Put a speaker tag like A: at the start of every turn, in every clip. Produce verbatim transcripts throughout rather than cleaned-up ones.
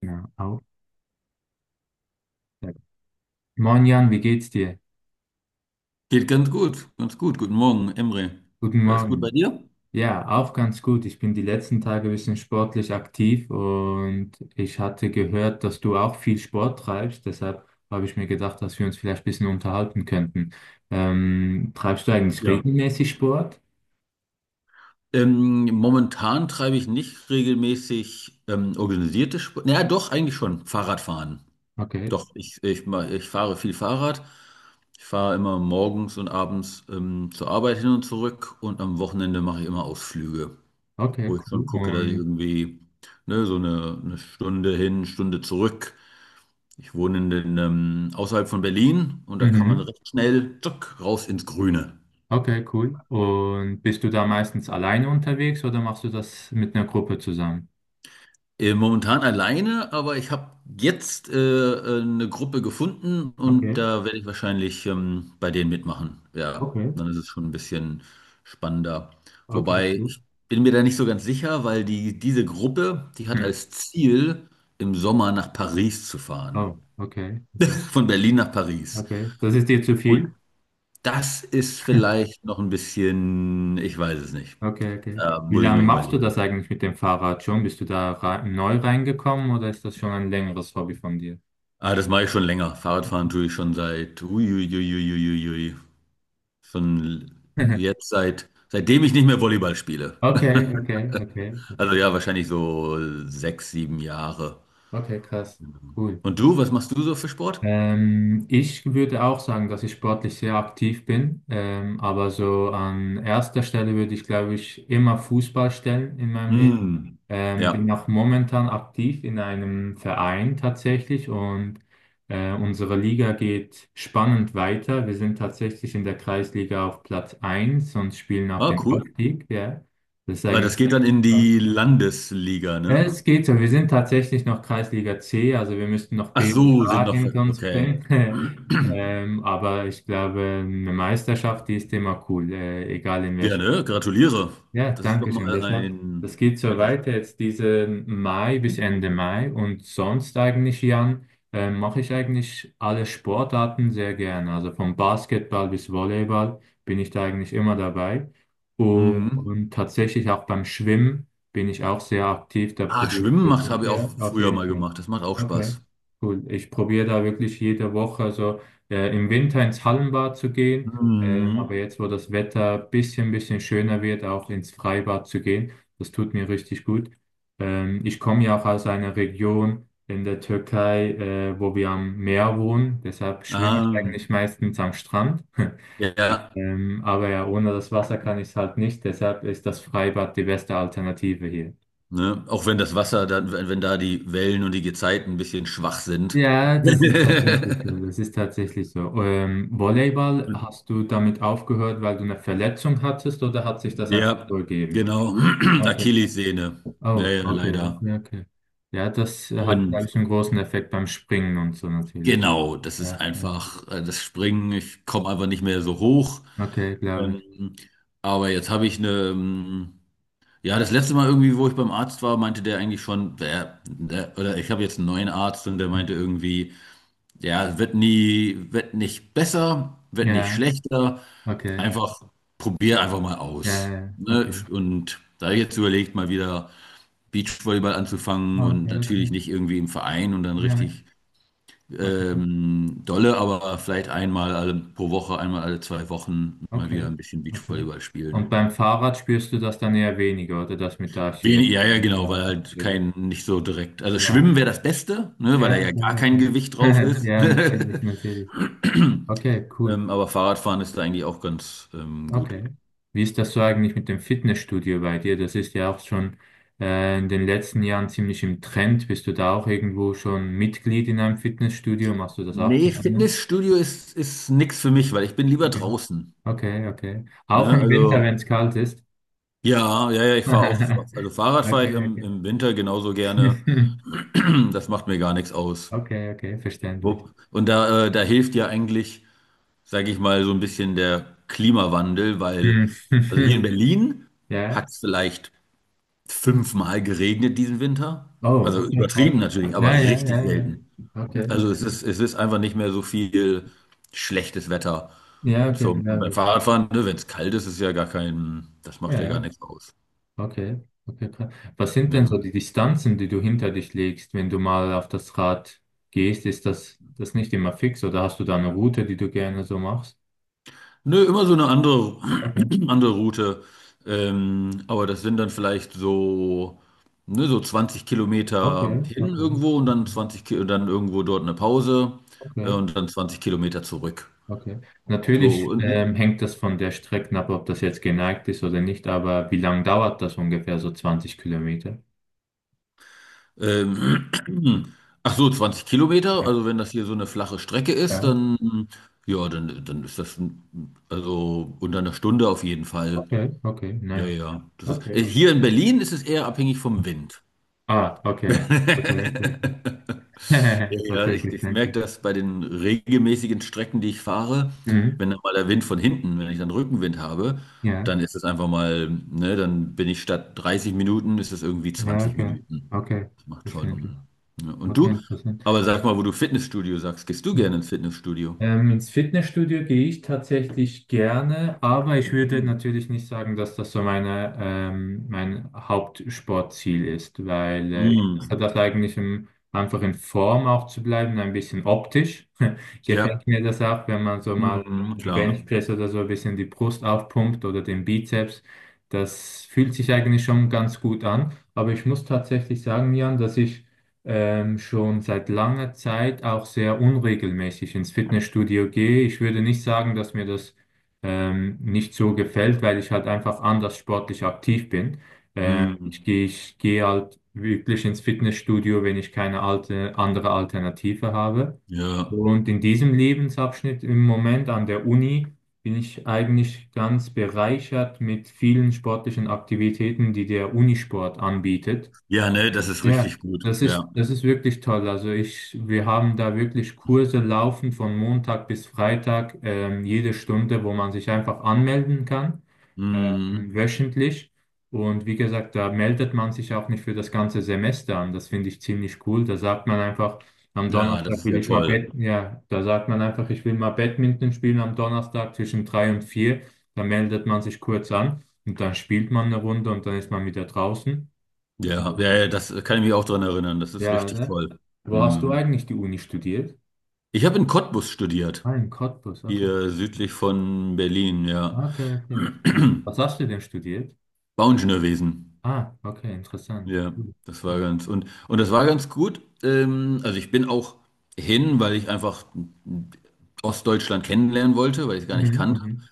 A: Ja, auch. Ja. Moin Jan, wie geht's dir?
B: Geht ganz gut, ganz gut. Guten Morgen, Emre.
A: Guten
B: Alles gut bei
A: Morgen.
B: dir?
A: Ja, auch ganz gut. Ich bin die letzten Tage ein bisschen sportlich aktiv und ich hatte gehört, dass du auch viel Sport treibst. Deshalb habe ich mir gedacht, dass wir uns vielleicht ein bisschen unterhalten könnten. Ähm, treibst du eigentlich
B: Ja.
A: regelmäßig Sport?
B: Ähm, momentan treibe ich nicht regelmäßig ähm, organisierte Sport. Naja, doch, eigentlich schon. Fahrradfahren.
A: Okay,
B: Doch, ich, ich, ma- ich fahre viel Fahrrad. Ich fahre immer morgens und abends ähm, zur Arbeit hin und zurück, und am Wochenende mache ich immer Ausflüge,
A: okay,
B: wo ich schon
A: cool.
B: gucke, dass ich
A: Und,
B: irgendwie, ne, so eine, eine Stunde hin, Stunde zurück. Ich wohne in den, ähm, außerhalb von Berlin, und da kann man
A: mhm,
B: recht schnell, tschuck, raus ins Grüne.
A: okay, cool. Und bist du da meistens alleine unterwegs oder machst du das mit einer Gruppe zusammen?
B: Äh, momentan alleine, aber ich habe jetzt äh, äh, eine Gruppe gefunden, und
A: Okay,
B: da werde ich wahrscheinlich ähm, bei denen mitmachen. Ja,
A: okay,
B: dann ist es schon ein bisschen spannender.
A: okay,
B: Wobei,
A: gut.
B: ich bin mir da nicht so ganz sicher, weil die, diese Gruppe, die hat
A: Hm.
B: als Ziel, im Sommer nach Paris zu fahren.
A: Oh, okay, okay.
B: Von Berlin nach Paris.
A: Okay, das ist dir zu
B: Und
A: viel?
B: das ist vielleicht noch ein bisschen, ich weiß es nicht.
A: Okay, okay.
B: Da
A: Wie
B: muss ich
A: lange
B: noch
A: machst du das
B: überlegen.
A: eigentlich mit dem Fahrrad schon? Bist du da rei- neu reingekommen oder ist das schon ein längeres Hobby von dir?
B: Ah, das mache ich schon länger. Fahrradfahren tue ich schon seit, uiuiuiuiui, schon jetzt seit, seitdem ich nicht mehr Volleyball spiele.
A: Okay, okay, okay,
B: Also
A: okay,
B: ja, wahrscheinlich so sechs, sieben Jahre.
A: okay, krass, cool.
B: Und du, was machst du so für Sport?
A: Ähm, ich würde auch sagen, dass ich sportlich sehr aktiv bin, ähm, aber so an erster Stelle würde ich, glaube ich, immer Fußball stellen in meinem Leben.
B: Hm,
A: Ähm, bin
B: ja.
A: auch momentan aktiv in einem Verein tatsächlich und äh, unsere Liga geht spannend weiter. Wir sind tatsächlich in der Kreisliga auf Platz eins und spielen auf
B: Ah,
A: den
B: cool.
A: Aufstieg. Ja. Das ist
B: Ah,
A: eigentlich
B: das geht dann in die Landesliga,
A: ja,
B: ne?
A: es geht so. Wir sind tatsächlich noch Kreisliga C, also wir müssten noch
B: Ach
A: B und
B: so, sind
A: A
B: noch,
A: hinter uns
B: okay.
A: bringen. Ähm, aber ich glaube, eine Meisterschaft, die ist immer cool, äh, egal in
B: Ja,
A: welcher.
B: ne? Gratuliere.
A: Ja,
B: Das ist doch
A: danke schön.
B: mal
A: Deshalb, das
B: ein
A: geht so
B: etwas.
A: weiter jetzt diesen Mai bis Ende Mai und sonst eigentlich, Jan, äh, mache ich eigentlich alle Sportarten sehr gerne. Also vom Basketball bis Volleyball bin ich da eigentlich immer dabei.
B: Mhm.
A: Und tatsächlich auch beim Schwimmen bin ich auch sehr aktiv. Da
B: Ah,
A: probiere ich
B: Schwimmen macht,
A: wirklich
B: habe ich auch
A: sehr, auf
B: früher
A: jeden
B: mal
A: Fall.
B: gemacht. Das macht auch
A: Okay,
B: Spaß.
A: cool. Ich probiere da wirklich jede Woche, also äh, im Winter ins Hallenbad zu gehen, ähm, aber
B: Mhm.
A: jetzt, wo das Wetter ein bisschen, bisschen schöner wird, auch ins Freibad zu gehen, das tut mir richtig gut. Ähm, ich komme ja auch aus einer Region in der Türkei, äh, wo wir am Meer wohnen, deshalb schwimme ich
B: Ah,
A: eigentlich meistens am Strand.
B: ja, ja.
A: Ähm, aber ja, ohne das Wasser kann ich es halt nicht, deshalb ist das Freibad die beste Alternative hier.
B: Ne? Auch wenn das Wasser, dann, wenn, wenn da die Wellen und die Gezeiten ein bisschen schwach sind.
A: Ja, das ist tatsächlich so. Das ist tatsächlich so. Ähm, Volleyball,
B: Und,
A: hast du damit aufgehört, weil du eine Verletzung hattest oder hat sich das einfach
B: ja,
A: so ergeben?
B: genau.
A: Okay.
B: Achillessehne.
A: Oh,
B: Naja,
A: okay,
B: leider.
A: okay, okay. Ja, das äh, hat, glaube
B: Und
A: ich, einen großen Effekt beim Springen und so natürlich.
B: genau, das ist
A: Ja, okay,
B: einfach äh, das Springen. Ich komme einfach nicht mehr so hoch.
A: okay, glaube ich.
B: Ähm, aber jetzt habe ich eine. ähm, Ja, das letzte Mal irgendwie, wo ich beim Arzt war, meinte der eigentlich schon, der, der, oder ich habe jetzt einen neuen Arzt, und der
A: Hm.
B: meinte irgendwie, ja, wird nie, wird nicht besser, wird nicht
A: Ja,
B: schlechter,
A: okay.
B: einfach probier einfach mal
A: Ja, ja,
B: aus.
A: ja,
B: Ne?
A: okay.
B: Und da habe ich jetzt überlegt, mal wieder Beachvolleyball anzufangen,
A: Ah,
B: und
A: okay,
B: natürlich
A: okay.
B: nicht irgendwie im Verein und dann
A: Ja,
B: richtig
A: okay.
B: ähm, dolle, aber vielleicht einmal alle, pro Woche, einmal alle zwei Wochen mal wieder
A: Okay,
B: ein bisschen
A: okay.
B: Beachvolleyball
A: Und
B: spielen.
A: beim Fahrrad spürst du das dann eher weniger, oder das mit der
B: Wenig,
A: Achillessehne?
B: ja, ja, genau, weil
A: Ja,
B: halt
A: natürlich.
B: kein, nicht so direkt. Also Schwimmen wäre das Beste, ne, weil da
A: Ja,
B: ja gar
A: klar,
B: kein
A: klar.
B: Gewicht drauf ist.
A: Ja, natürlich, natürlich. Okay, cool.
B: Ähm, aber Fahrradfahren ist da eigentlich auch ganz ähm, gut.
A: Okay. Wie ist das so eigentlich mit dem Fitnessstudio bei dir? Das ist ja auch schon äh, in den letzten Jahren ziemlich im Trend. Bist du da auch irgendwo schon Mitglied in einem Fitnessstudio? Machst du das auch
B: Nee,
A: gerne?
B: Fitnessstudio ist, ist nichts für mich, weil ich bin lieber
A: Okay,
B: draußen.
A: okay, okay.
B: Ne?
A: Auch im Winter, wenn
B: Also,
A: es kalt ist.
B: ja, ja, ja, ich fahre auch, also Fahrrad fahre
A: Okay,
B: ich im,
A: okay.
B: im Winter genauso gerne. Das macht mir gar nichts aus.
A: Okay, okay, verständlich.
B: Wo- Und da, äh, da hilft ja eigentlich, sage ich mal, so ein bisschen der Klimawandel, weil, also hier in
A: Hm.
B: Berlin hat
A: Ja.
B: es vielleicht fünfmal geregnet diesen Winter.
A: Oh,
B: Also
A: okay, krass.
B: übertrieben natürlich,
A: Ja,
B: aber
A: ja, ja,
B: richtig
A: ja.
B: selten.
A: Okay.
B: Also es ist, es ist einfach nicht mehr so viel schlechtes Wetter.
A: Ja, okay,
B: Zum, und
A: glaube
B: beim
A: ich.
B: Fahrradfahren, ne, wenn es kalt ist, ist ja gar kein, das macht
A: Ja,
B: ja gar
A: ja,
B: nichts aus.
A: okay, okay, krass. Was sind
B: Ja.
A: denn so die Distanzen, die du hinter dich legst, wenn du mal auf das Rad gehst? Ist das, das nicht immer fix oder hast du da eine Route, die du gerne so machst?
B: Nö, immer so eine andere,
A: Okay,
B: andere Route. Ähm, aber das sind dann vielleicht so, ne, so zwanzig
A: okay,
B: Kilometer hin
A: okay,
B: irgendwo und dann
A: mhm,
B: zwanzig, Ki- dann irgendwo dort eine Pause, äh,
A: okay,
B: und dann zwanzig Kilometer zurück.
A: okay.
B: So,
A: Natürlich
B: und,
A: ähm, hängt das von der Strecke ab, ob das jetzt geneigt ist oder nicht, aber wie lange dauert das ungefähr, so zwanzig Kilometer?
B: ähm, ach so, zwanzig Kilometer.
A: Ja,
B: Also wenn das hier so eine flache Strecke ist,
A: ja.
B: dann, ja, dann, dann ist das, ein- also unter einer Stunde auf jeden Fall.
A: Okay, okay,
B: Ja,
A: nice.
B: ja. Das ist,
A: Okay.
B: äh, hier in Berlin ist es eher abhängig vom Wind.
A: Ah, okay. Okay, okay, okay.
B: Ja, ja,
A: Okay, okay,
B: ich, ich
A: danke.
B: merke das bei den regelmäßigen Strecken, die ich fahre,
A: Mhm.
B: wenn dann mal der Wind von hinten, wenn ich dann Rückenwind habe,
A: Ja,
B: dann ist es einfach mal, ne, dann bin ich statt dreißig Minuten, ist es irgendwie
A: ja,
B: zwanzig
A: okay.
B: Minuten.
A: Okay,
B: Das macht schon.
A: verständlich.
B: Ne. Ja, und
A: Okay,
B: du?
A: interessant.
B: Aber sag mal, wo du Fitnessstudio sagst, gehst du
A: Ja.
B: gerne ins Fitnessstudio?
A: Ähm, ins Fitnessstudio gehe ich tatsächlich gerne, aber ich würde
B: Hm.
A: natürlich nicht sagen, dass das so meine, ähm, mein Hauptsportziel ist, weil äh, ich
B: Hm,
A: mache das eigentlich, um einfach in Form auch zu bleiben, ein bisschen optisch.
B: ja,
A: Gefällt mir das auch, wenn man so mal
B: hm,
A: im
B: klar.
A: Benchpress oder so ein bisschen die Brust aufpumpt oder den Bizeps. Das fühlt sich eigentlich schon ganz gut an, aber ich muss tatsächlich sagen, Jan, dass ich ähm, schon seit langer Zeit auch sehr unregelmäßig ins Fitnessstudio gehe. Ich würde nicht sagen, dass mir das ähm, nicht so gefällt, weil ich halt einfach anders sportlich aktiv bin. Äh, Mhm. Ich
B: Hm,
A: gehe, ich gehe halt wirklich ins Fitnessstudio, wenn ich keine alte, andere Alternative habe.
B: ja.
A: Und in diesem Lebensabschnitt im Moment an der Uni bin ich eigentlich ganz bereichert mit vielen sportlichen Aktivitäten, die der Unisport anbietet.
B: Ja, ne, das ist
A: Ja,
B: richtig gut.
A: das ist,
B: Ja.
A: das ist wirklich toll. Also ich, wir haben da wirklich Kurse laufen von Montag bis Freitag, ähm, jede Stunde, wo man sich einfach anmelden kann,
B: Hm,
A: ähm, wöchentlich. Und wie gesagt, da meldet man sich auch nicht für das ganze Semester an. Das finde ich ziemlich cool. Da sagt man einfach, am
B: ja, das
A: Donnerstag
B: ist
A: will
B: ja
A: ich mal
B: toll.
A: Bad, ja, da sagt man einfach, ich will mal Badminton spielen am Donnerstag zwischen drei und vier. Da meldet man sich kurz an und dann spielt man eine Runde und dann ist man wieder draußen.
B: Ja, ja, ja, das kann ich mich auch dran erinnern. Das ist
A: Ja,
B: richtig
A: oder?
B: toll.
A: Wo hast du
B: Hm.
A: eigentlich die Uni studiert?
B: Ich habe in Cottbus studiert,
A: Ah, in Cottbus, okay.
B: hier südlich von Berlin, ja.
A: Ah, okay, okay, interessant. Was hast du denn studiert?
B: Bauingenieurwesen.
A: Ah, okay, interessant.
B: Ja,
A: Cool.
B: das war
A: Ja.
B: ganz, und und das war ganz gut. Ähm, also ich bin auch hin, weil ich einfach Ostdeutschland kennenlernen wollte, weil ich es gar nicht
A: Mhm,
B: kannte.
A: mhm.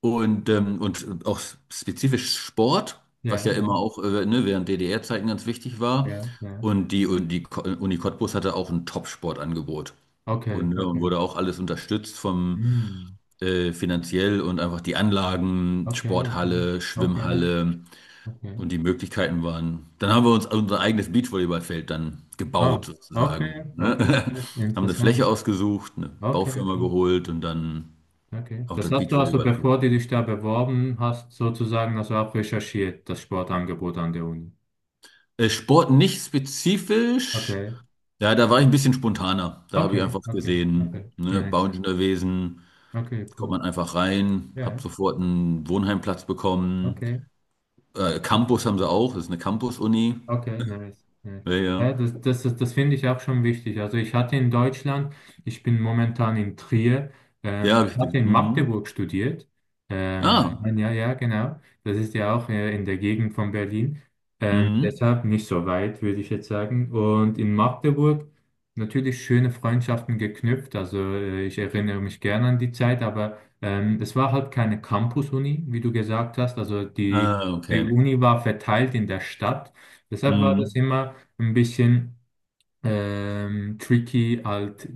B: Und, ähm, und auch spezifisch Sport, was
A: Ja,
B: ja
A: ja,
B: immer auch äh, ne, während D D R-Zeiten ganz wichtig war.
A: ja, ja.
B: Und die, und die Ko- Uni Cottbus hatte auch ein Top-Sportangebot.
A: Okay,
B: Und, ne, und
A: okay.
B: wurde auch alles unterstützt vom
A: Hm.
B: äh, finanziell, und einfach die Anlagen,
A: Okay, okay.
B: Sporthalle,
A: Okay,
B: Schwimmhalle
A: okay.
B: und die Möglichkeiten waren. Dann haben wir uns unser eigenes Beachvolleyballfeld dann gebaut,
A: Oh, okay,
B: sozusagen. Ne?
A: okay. Krass,
B: Haben eine
A: interessant.
B: Fläche ausgesucht, eine
A: Okay,
B: Baufirma
A: okay,
B: geholt, und dann
A: okay.
B: auch
A: Das
B: das
A: hast du also,
B: Beachvolleyball.
A: bevor du dich da beworben hast, sozusagen also auch recherchiert, das Sportangebot an der Uni.
B: Äh, Sport nicht spezifisch.
A: Okay.
B: Ja, da war ich ein bisschen spontaner. Da habe ich
A: Okay,
B: einfach
A: okay,
B: gesehen,
A: okay.
B: ne,
A: Nice.
B: Bounce gewesen,
A: Okay,
B: kommt
A: cool.
B: man einfach rein, habe
A: Ja,
B: sofort einen Wohnheimplatz bekommen.
A: okay,
B: Äh,
A: okay.
B: Campus haben sie auch, das ist eine Campus-Uni.
A: Okay, nice, nice.
B: Ja, ja.
A: Ja, das, das, das, das finde ich auch schon wichtig. Also ich hatte in Deutschland, ich bin momentan in Trier,
B: Ja,
A: ähm,
B: habe ich
A: ich
B: ge-
A: hatte in
B: mhm.
A: Magdeburg studiert. Ähm,
B: Ah,
A: ein ja, genau. Das ist ja auch äh, in der Gegend von Berlin. Ähm,
B: mhm.
A: deshalb nicht so weit, würde ich jetzt sagen. Und in Magdeburg natürlich schöne Freundschaften geknüpft. Also äh, ich erinnere mich gerne an die Zeit, aber ähm, es war halt keine Campus-Uni, wie du gesagt hast. Also die,
B: Ah,
A: die
B: okay.
A: Uni war verteilt in der Stadt. Deshalb war das
B: Mhm.
A: immer ein bisschen ähm, tricky, halt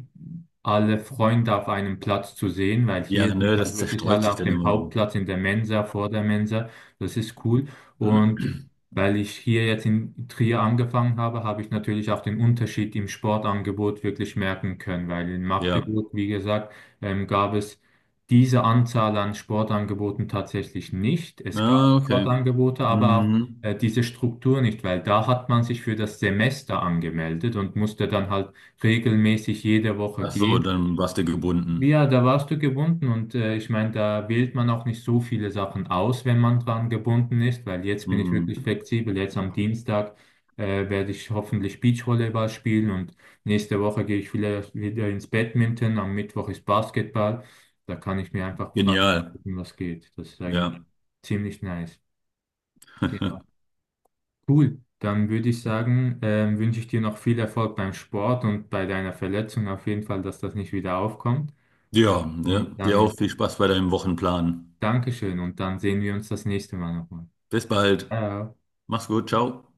A: alle Freunde auf einem Platz zu sehen, weil hier
B: Ja,
A: sind
B: ne,
A: halt
B: das
A: wirklich
B: zerstreut
A: alle
B: sich
A: auf
B: dann
A: dem
B: immer so.
A: Hauptplatz in der Mensa, vor der Mensa. Das ist cool. Und weil ich hier jetzt in Trier angefangen habe, habe ich natürlich auch den Unterschied im Sportangebot wirklich merken können, weil in
B: Ja,
A: Magdeburg, wie gesagt, ähm, gab es diese Anzahl an Sportangeboten tatsächlich nicht. Es gab
B: ah, okay.
A: Sportangebote, aber auch
B: Mhm.
A: äh, diese Struktur nicht, weil da hat man sich für das Semester angemeldet und musste dann halt regelmäßig jede Woche
B: Ach so,
A: gehen.
B: dann warst du gebunden.
A: Ja, da warst du gebunden und äh, ich meine, da wählt man auch nicht so viele Sachen aus, wenn man dran gebunden ist, weil jetzt bin ich wirklich
B: Mhm.
A: flexibel. Jetzt am Dienstag äh, werde ich hoffentlich Beachvolleyball spielen und nächste Woche gehe ich vielleicht wieder ins Badminton, am Mittwoch ist Basketball. Da kann ich mir einfach frei
B: Genial,
A: aussuchen, was geht. Das ist eigentlich
B: ja.
A: ziemlich nice. Genau. Cool, dann würde ich
B: Ja,
A: sagen, ähm, wünsche ich dir noch viel Erfolg beim Sport und bei deiner Verletzung auf jeden Fall, dass das nicht wieder aufkommt.
B: ja,
A: Und
B: dir auch
A: dann
B: viel Spaß bei deinem Wochenplan.
A: dankeschön und dann sehen wir uns das nächste Mal nochmal.
B: Bis bald.
A: Ciao.
B: Mach's gut, ciao.